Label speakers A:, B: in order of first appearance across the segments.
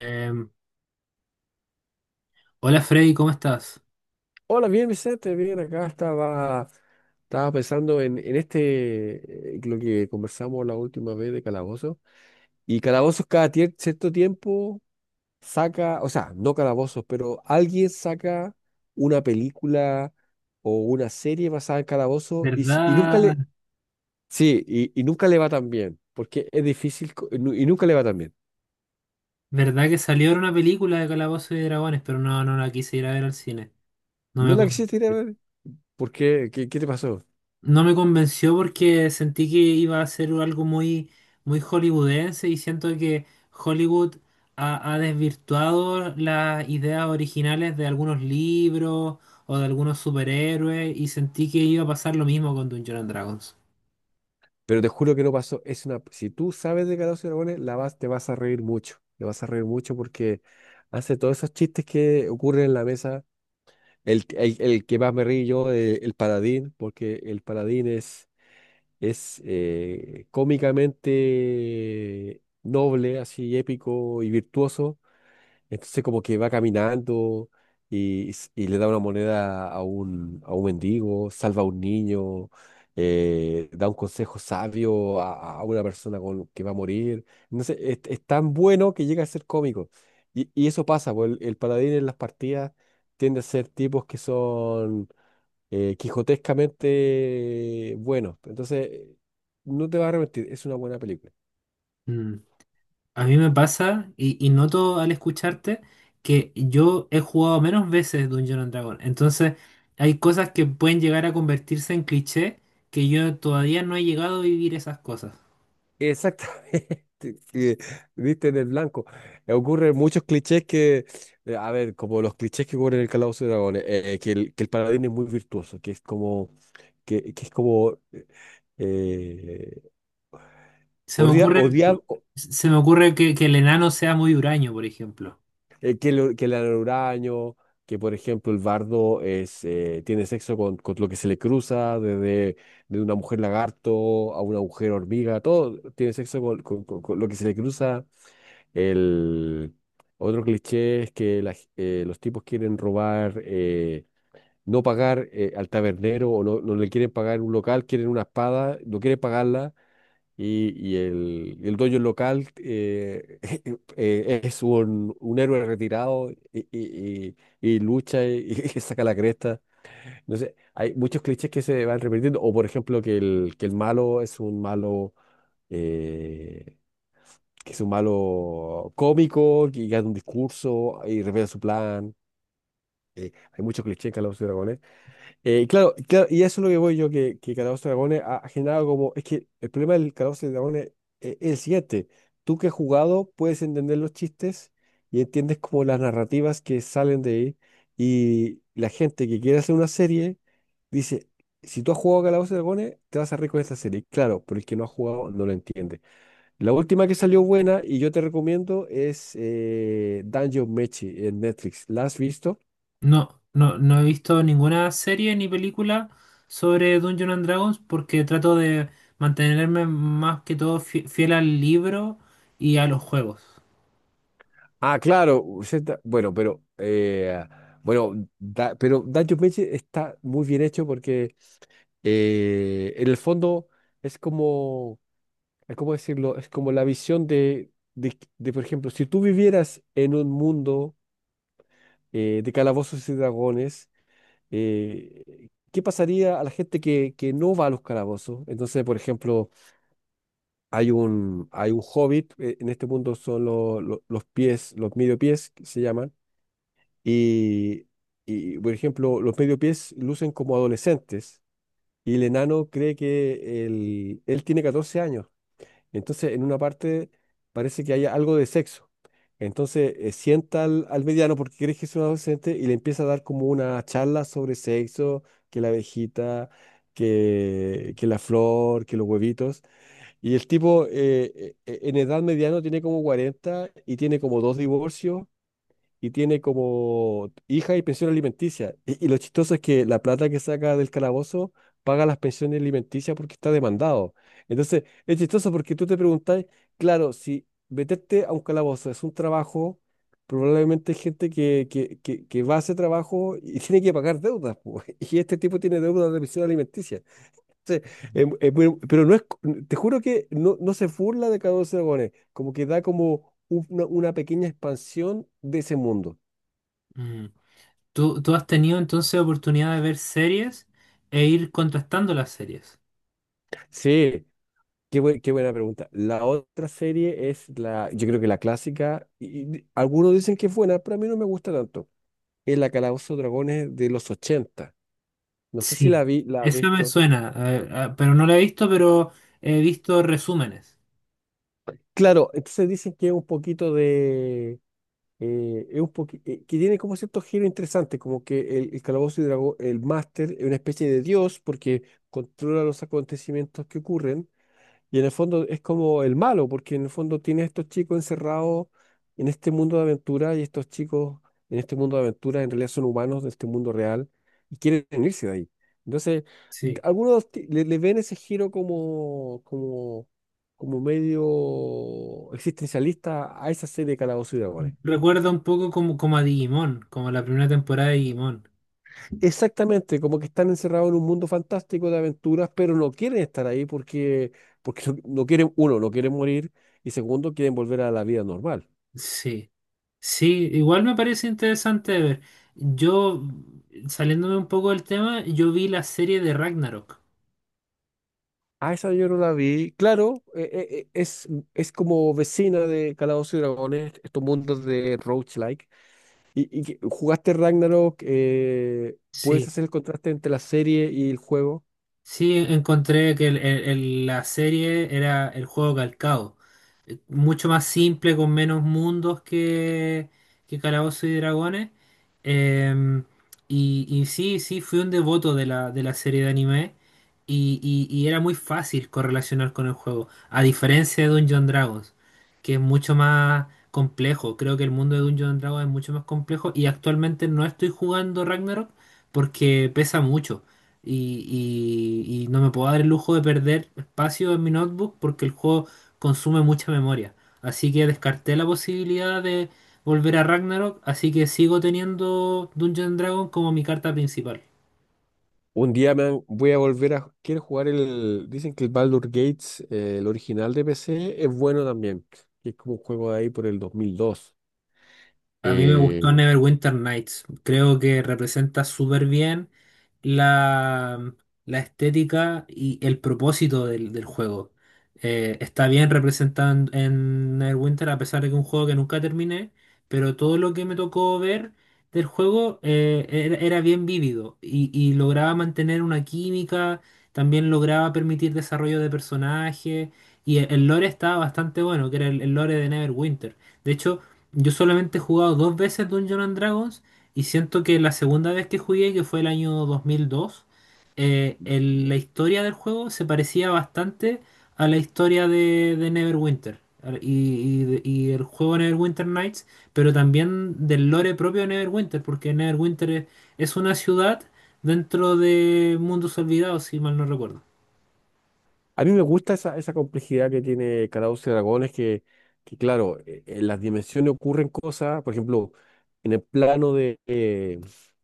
A: Em, Hola Freddy, ¿cómo estás?
B: Hola, bien Vicente, bien, acá estaba, pensando en este, lo que conversamos la última vez de Calabozos. Y Calabozos cada cierto tiempo saca, o sea, no Calabozos, pero alguien saca una película o una serie basada en Calabozos y nunca
A: ¿Verdad,
B: le, sí, y nunca le va tan bien, porque es difícil y nunca le va tan bien.
A: verdad que salió ahora una película de Calabozos y Dragones, pero no, no la quise ir a ver al cine? No
B: ¿No
A: me
B: la
A: convenció.
B: quisiste ir a ver? ¿Por qué? ¿Qué, te pasó?
A: No me convenció porque sentí que iba a ser algo muy, muy hollywoodense, y siento que Hollywood ha, ha desvirtuado las ideas originales de algunos libros o de algunos superhéroes, y sentí que iba a pasar lo mismo con Dungeons and Dragons.
B: Pero te juro que no pasó. Es una, si tú sabes de Calabozos y Dragones, te vas a reír mucho. Te vas a reír mucho porque hace todos esos chistes que ocurren en la mesa. El que más me río yo, el paladín, porque el paladín es cómicamente noble, así épico y virtuoso, entonces como que va caminando y le da una moneda a un mendigo, salva a un niño, da un consejo sabio a una persona que va a morir. Entonces es tan bueno que llega a ser cómico. Y eso pasa, pues el paladín en las partidas tiende a ser tipos que son quijotescamente buenos. Entonces no te vas a arrepentir, es una buena película.
A: A mí me pasa, y noto al escucharte que yo he jugado menos veces Dungeon and Dragon. Entonces, hay cosas que pueden llegar a convertirse en cliché que yo todavía no he llegado a vivir esas cosas.
B: Exactamente, que diste en el blanco. Ocurren muchos clichés que, a ver, como los clichés que ocurren en el Calabozo de Dragones, que el paladín es muy virtuoso, que es como, eh,
A: Se me
B: odia,
A: ocurre,
B: odia- o-
A: se me ocurre que el enano sea muy huraño, por ejemplo.
B: que le dan uraño, que por ejemplo el bardo tiene sexo con lo que se le cruza, desde de una mujer lagarto a una mujer hormiga, todo tiene sexo con lo que se le cruza. El otro cliché es que los tipos quieren robar, no pagar al tabernero o no le quieren pagar un local, quieren una espada, no quieren pagarla y el dueño del local es un héroe retirado y lucha y saca la cresta. No sé, hay muchos clichés que se van repitiendo o por ejemplo que el malo es un malo. eh, que es un malo cómico, que gana un discurso y revela su plan. Hay mucho cliché en Calabozos y Dragones. Y claro, y claro, y eso es lo que voy yo, que Calabozos y Dragones ha generado como... Es que el problema del Calabozos y Dragones es el siguiente. Tú que has jugado puedes entender los chistes y entiendes como las narrativas que salen de ahí. Y la gente que quiere hacer una serie dice, si tú has jugado Calabozos y Dragones, te vas a reír con esta serie. Claro, pero el que no ha jugado no lo entiende. La última que salió buena y yo te recomiendo es Danjo Mechi en Netflix. ¿La has visto?
A: No, no, no he visto ninguna serie ni película sobre Dungeon and Dragons porque trato de mantenerme más que todo fiel al libro y a los juegos.
B: Ah, claro. Bueno, pero bueno, pero Danjo Mechi está muy bien hecho porque en el fondo es como, es como decirlo, es como la visión de, por ejemplo, si tú vivieras en un mundo de calabozos y dragones, ¿qué pasaría a la gente que no va a los calabozos? Entonces, por ejemplo, hay un hobbit, en este punto son los pies, los medio pies que se llaman, y, y, por ejemplo, los medio pies lucen como adolescentes, y el enano cree que él tiene 14 años, entonces en una parte parece que hay algo de sexo, entonces sienta al mediano porque cree que es un adolescente y le empieza a dar como una charla sobre sexo, que la abejita, que la flor, que los huevitos. Y el tipo en edad mediana tiene como 40 y tiene como dos divorcios y tiene como hija y pensión alimenticia. Y lo chistoso es que la plata que saca del calabozo paga las pensiones alimenticias porque está demandado. Entonces, es chistoso porque tú te preguntás, claro, si meterte a un calabozo es un trabajo, probablemente hay gente que va a ese trabajo y tiene que pagar deudas po. Y este tipo tiene deudas de pensión alimenticia. Sí, pero no es, te juro que no se burla de Calabozos y Dragones, como que da como una pequeña expansión de ese mundo.
A: Mm. Tú has tenido entonces oportunidad de ver series e ir contrastando las series.
B: Sí, qué buena pregunta. La otra serie es yo creo que la clásica, y algunos dicen que es buena, pero a mí no me gusta tanto. Es la Calabozo y Dragones de los ochenta. No sé si
A: Sí.
B: la vi. ¿La has
A: Eso me
B: visto?
A: suena, pero no la he visto, pero he visto resúmenes.
B: Claro, entonces dicen que es un poquito de, que tiene como cierto giro interesante, como que el Calabozo y Dragón, el máster, es una especie de dios porque controla los acontecimientos que ocurren y en el fondo es como el malo, porque en el fondo tiene a estos chicos encerrados en este mundo de aventura y estos chicos en este mundo de aventura en realidad son humanos de este mundo real y quieren irse de ahí. Entonces,
A: Sí,
B: le ven ese giro como, medio existencialista a esa serie de Calabozo y Dragones.
A: recuerda un poco como, como a Digimon, como la primera temporada de Digimon.
B: Exactamente, como que están encerrados en un mundo fantástico de aventuras, pero no quieren estar ahí porque, no quieren, uno, no quieren morir y segundo, quieren volver a la vida normal.
A: Sí, sí, igual me parece interesante de ver. Yo, saliéndome un poco del tema, yo vi la serie de Ragnarok.
B: Ah, esa yo no la vi. Claro, es como vecina de Calabozos y Dragones, estos mundos de roguelike. Jugaste Ragnarok. ¿Puedes
A: Sí,
B: hacer el contraste entre la serie y el juego?
A: sí, encontré que la serie era el juego calcado, mucho más simple, con menos mundos que Calabozos y Dragones. Eh, y, y sí, sí, fui un devoto de la serie de anime. Y, y era muy fácil correlacionar con el juego, a diferencia de Dungeons and Dragons, que es mucho más complejo. Creo que el mundo de Dungeons and Dragons es mucho más complejo, y actualmente no estoy jugando Ragnarok porque pesa mucho. Y, y no me puedo dar el lujo de perder espacio en mi notebook porque el juego consume mucha memoria. Así que descarté la posibilidad de volver a Ragnarok, así que sigo teniendo Dungeon Dragon como mi carta principal.
B: Un día voy a volver a... Quiero jugar el... Dicen que el Baldur Gates, el original de PC, es bueno también. Que es como un juego de ahí por el 2002.
A: A mí me gustó
B: Eh,
A: Neverwinter Nights. Creo que representa súper bien la, la estética y el propósito del, del juego. Está bien representado en Neverwinter, a pesar de que es un juego que nunca terminé, pero todo lo que me tocó ver del juego era, era bien vívido, y lograba mantener una química, también lograba permitir desarrollo de personajes, y el lore estaba bastante bueno, que era el lore de Neverwinter. De hecho, yo solamente he jugado dos veces Dungeons and Dragons, y siento que la segunda vez que jugué, que fue el año 2002, la historia del juego se parecía bastante a la historia de Neverwinter y, y el juego Neverwinter Nights, pero también del lore propio de Neverwinter, porque Neverwinter es una ciudad dentro de Mundos Olvidados, si mal no recuerdo.
B: A mí me gusta esa complejidad que tiene Calados y Dragones, que claro, en las dimensiones ocurren cosas, por ejemplo, en el plano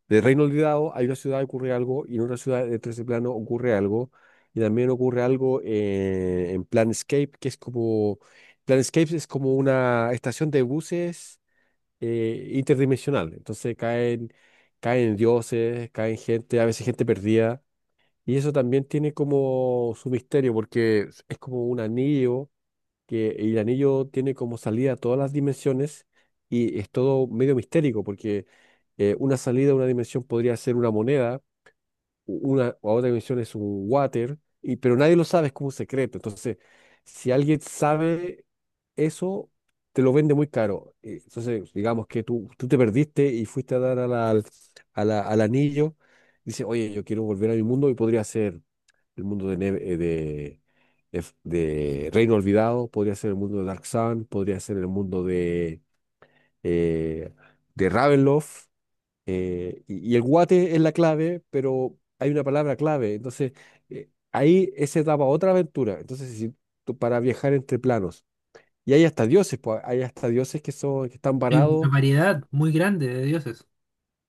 B: de Reino Olvidado hay una ciudad que ocurre algo y en otra ciudad de ese plano ocurre algo y también ocurre algo en Planescape, Planescape es como una estación de buses interdimensional, entonces caen dioses, caen gente, a veces gente perdida. Y eso también tiene como su misterio, porque es como un anillo, que y el anillo tiene como salida a todas las dimensiones y es todo medio mistérico, porque una salida a una dimensión podría ser una moneda, una o a otra dimensión es un water, y, pero nadie lo sabe, es como un secreto. Entonces, si alguien sabe eso, te lo vende muy caro. Entonces, digamos que tú te perdiste y fuiste a dar al anillo, dice, oye, yo quiero volver a mi mundo y podría ser el mundo de, Neve- de F- de Reino Olvidado, podría ser el mundo de Dark Sun, podría ser el mundo eh, de Ravenloft. Y el guate es la clave, pero hay una palabra clave. Entonces, ahí esa daba otra aventura. Entonces, si para viajar entre planos. Y hay hasta dioses, pues, hay hasta dioses que son, que están
A: Hay una
B: varados.
A: variedad muy grande de dioses.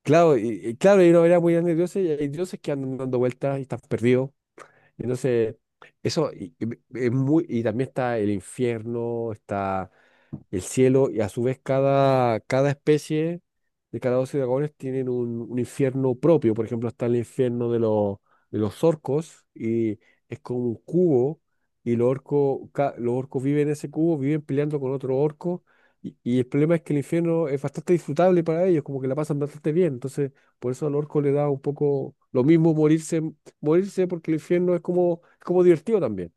B: Claro, y claro, hay una variedad muy grande de dioses, y hay dioses que andan dando vueltas y están perdidos. Entonces, eso y también está el infierno, está el cielo, y a su vez cada especie de cada 12 dragones tienen un infierno propio. Por ejemplo, está el infierno de los, orcos, y es como un cubo, y los orcos viven en ese cubo, viven peleando con otro orco, y el problema es que el infierno es bastante disfrutable para ellos, como que la pasan bastante bien. Entonces, por eso al orco le da un poco lo mismo morirse porque el infierno es como, divertido también.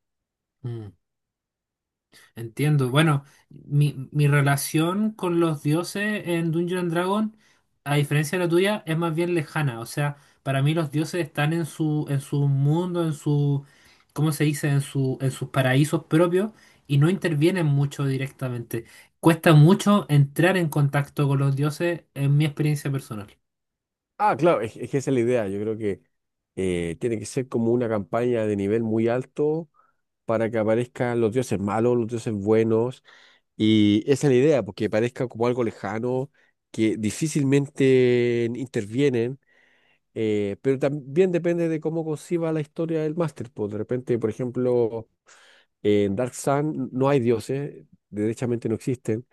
A: Entiendo. Bueno, mi relación con los dioses en Dungeon and Dragon, a diferencia de la tuya, es más bien lejana. O sea, para mí los dioses están en su mundo, en su, ¿cómo se dice? En su, en sus paraísos propios, y no intervienen mucho directamente. Cuesta mucho entrar en contacto con los dioses en mi experiencia personal.
B: Ah, claro, es que esa es la idea. Yo creo que tiene que ser como una campaña de nivel muy alto para que aparezcan los dioses malos, los dioses buenos. Y esa es la idea, porque parezca como algo lejano, que difícilmente intervienen. Pero también depende de cómo conciba la historia del máster, pues. De repente, por ejemplo, en Dark Sun no hay dioses, derechamente no existen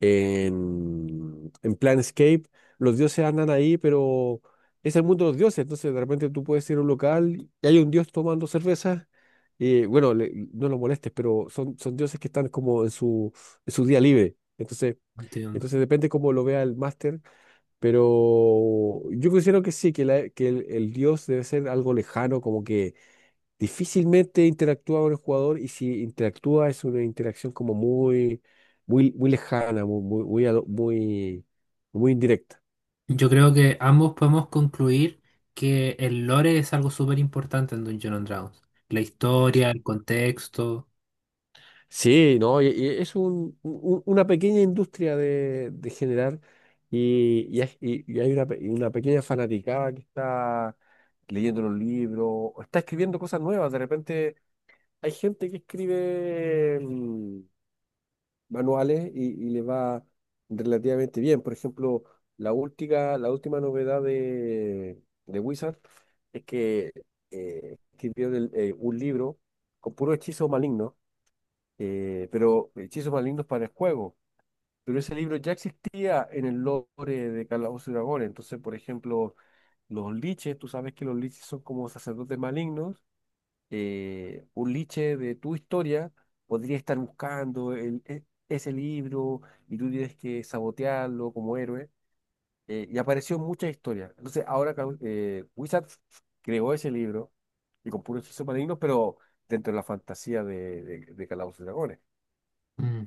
B: en, en Planescape, los dioses andan ahí, pero es el mundo de los dioses. Entonces, de repente tú puedes ir a un local y hay un dios tomando cerveza. Y bueno, no lo molestes, pero son dioses que están como en su, día libre. Entonces,
A: Entiendo.
B: depende cómo lo vea el máster, pero yo considero que sí, que el dios debe ser algo lejano, como que difícilmente interactúa con el jugador y si interactúa es una interacción como muy, muy, muy lejana, muy, muy, muy, muy indirecta.
A: Yo creo que ambos podemos concluir que el lore es algo súper importante en Dungeon and Dragons. La historia, el contexto.
B: Sí, no, y es una pequeña industria de generar, y hay una pequeña fanaticada que está leyendo los libros o está escribiendo cosas nuevas. De repente hay gente que escribe manuales y le va relativamente bien. Por ejemplo, la última novedad de Wizard es que escribió un libro con puros hechizos malignos, pero hechizos malignos para el juego. Pero ese libro ya existía en el lore de Calabozos y Dragones. Entonces, por ejemplo, los liches, tú sabes que los liches son como sacerdotes malignos. Un liche de tu historia podría estar buscando ese libro y tú tienes que sabotearlo como héroe. Y apareció muchas historias. Entonces ahora Wizards creó ese libro y con puros hechizos malignos, pero dentro de la fantasía de Calabozos y Dragones.
A: Mm.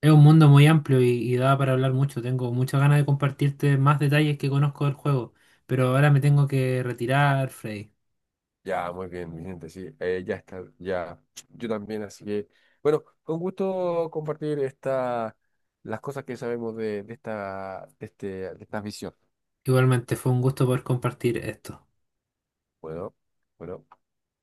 A: Es un mundo muy amplio, y da para hablar mucho. Tengo muchas ganas de compartirte más detalles que conozco del juego, pero ahora me tengo que retirar, Freddy.
B: Ya, muy bien, Vicente, sí, ya está, ya, yo también, así que, bueno, con gusto compartir las cosas que sabemos de esta visión.
A: Igualmente, fue un gusto poder compartir esto.
B: Bueno. Bueno.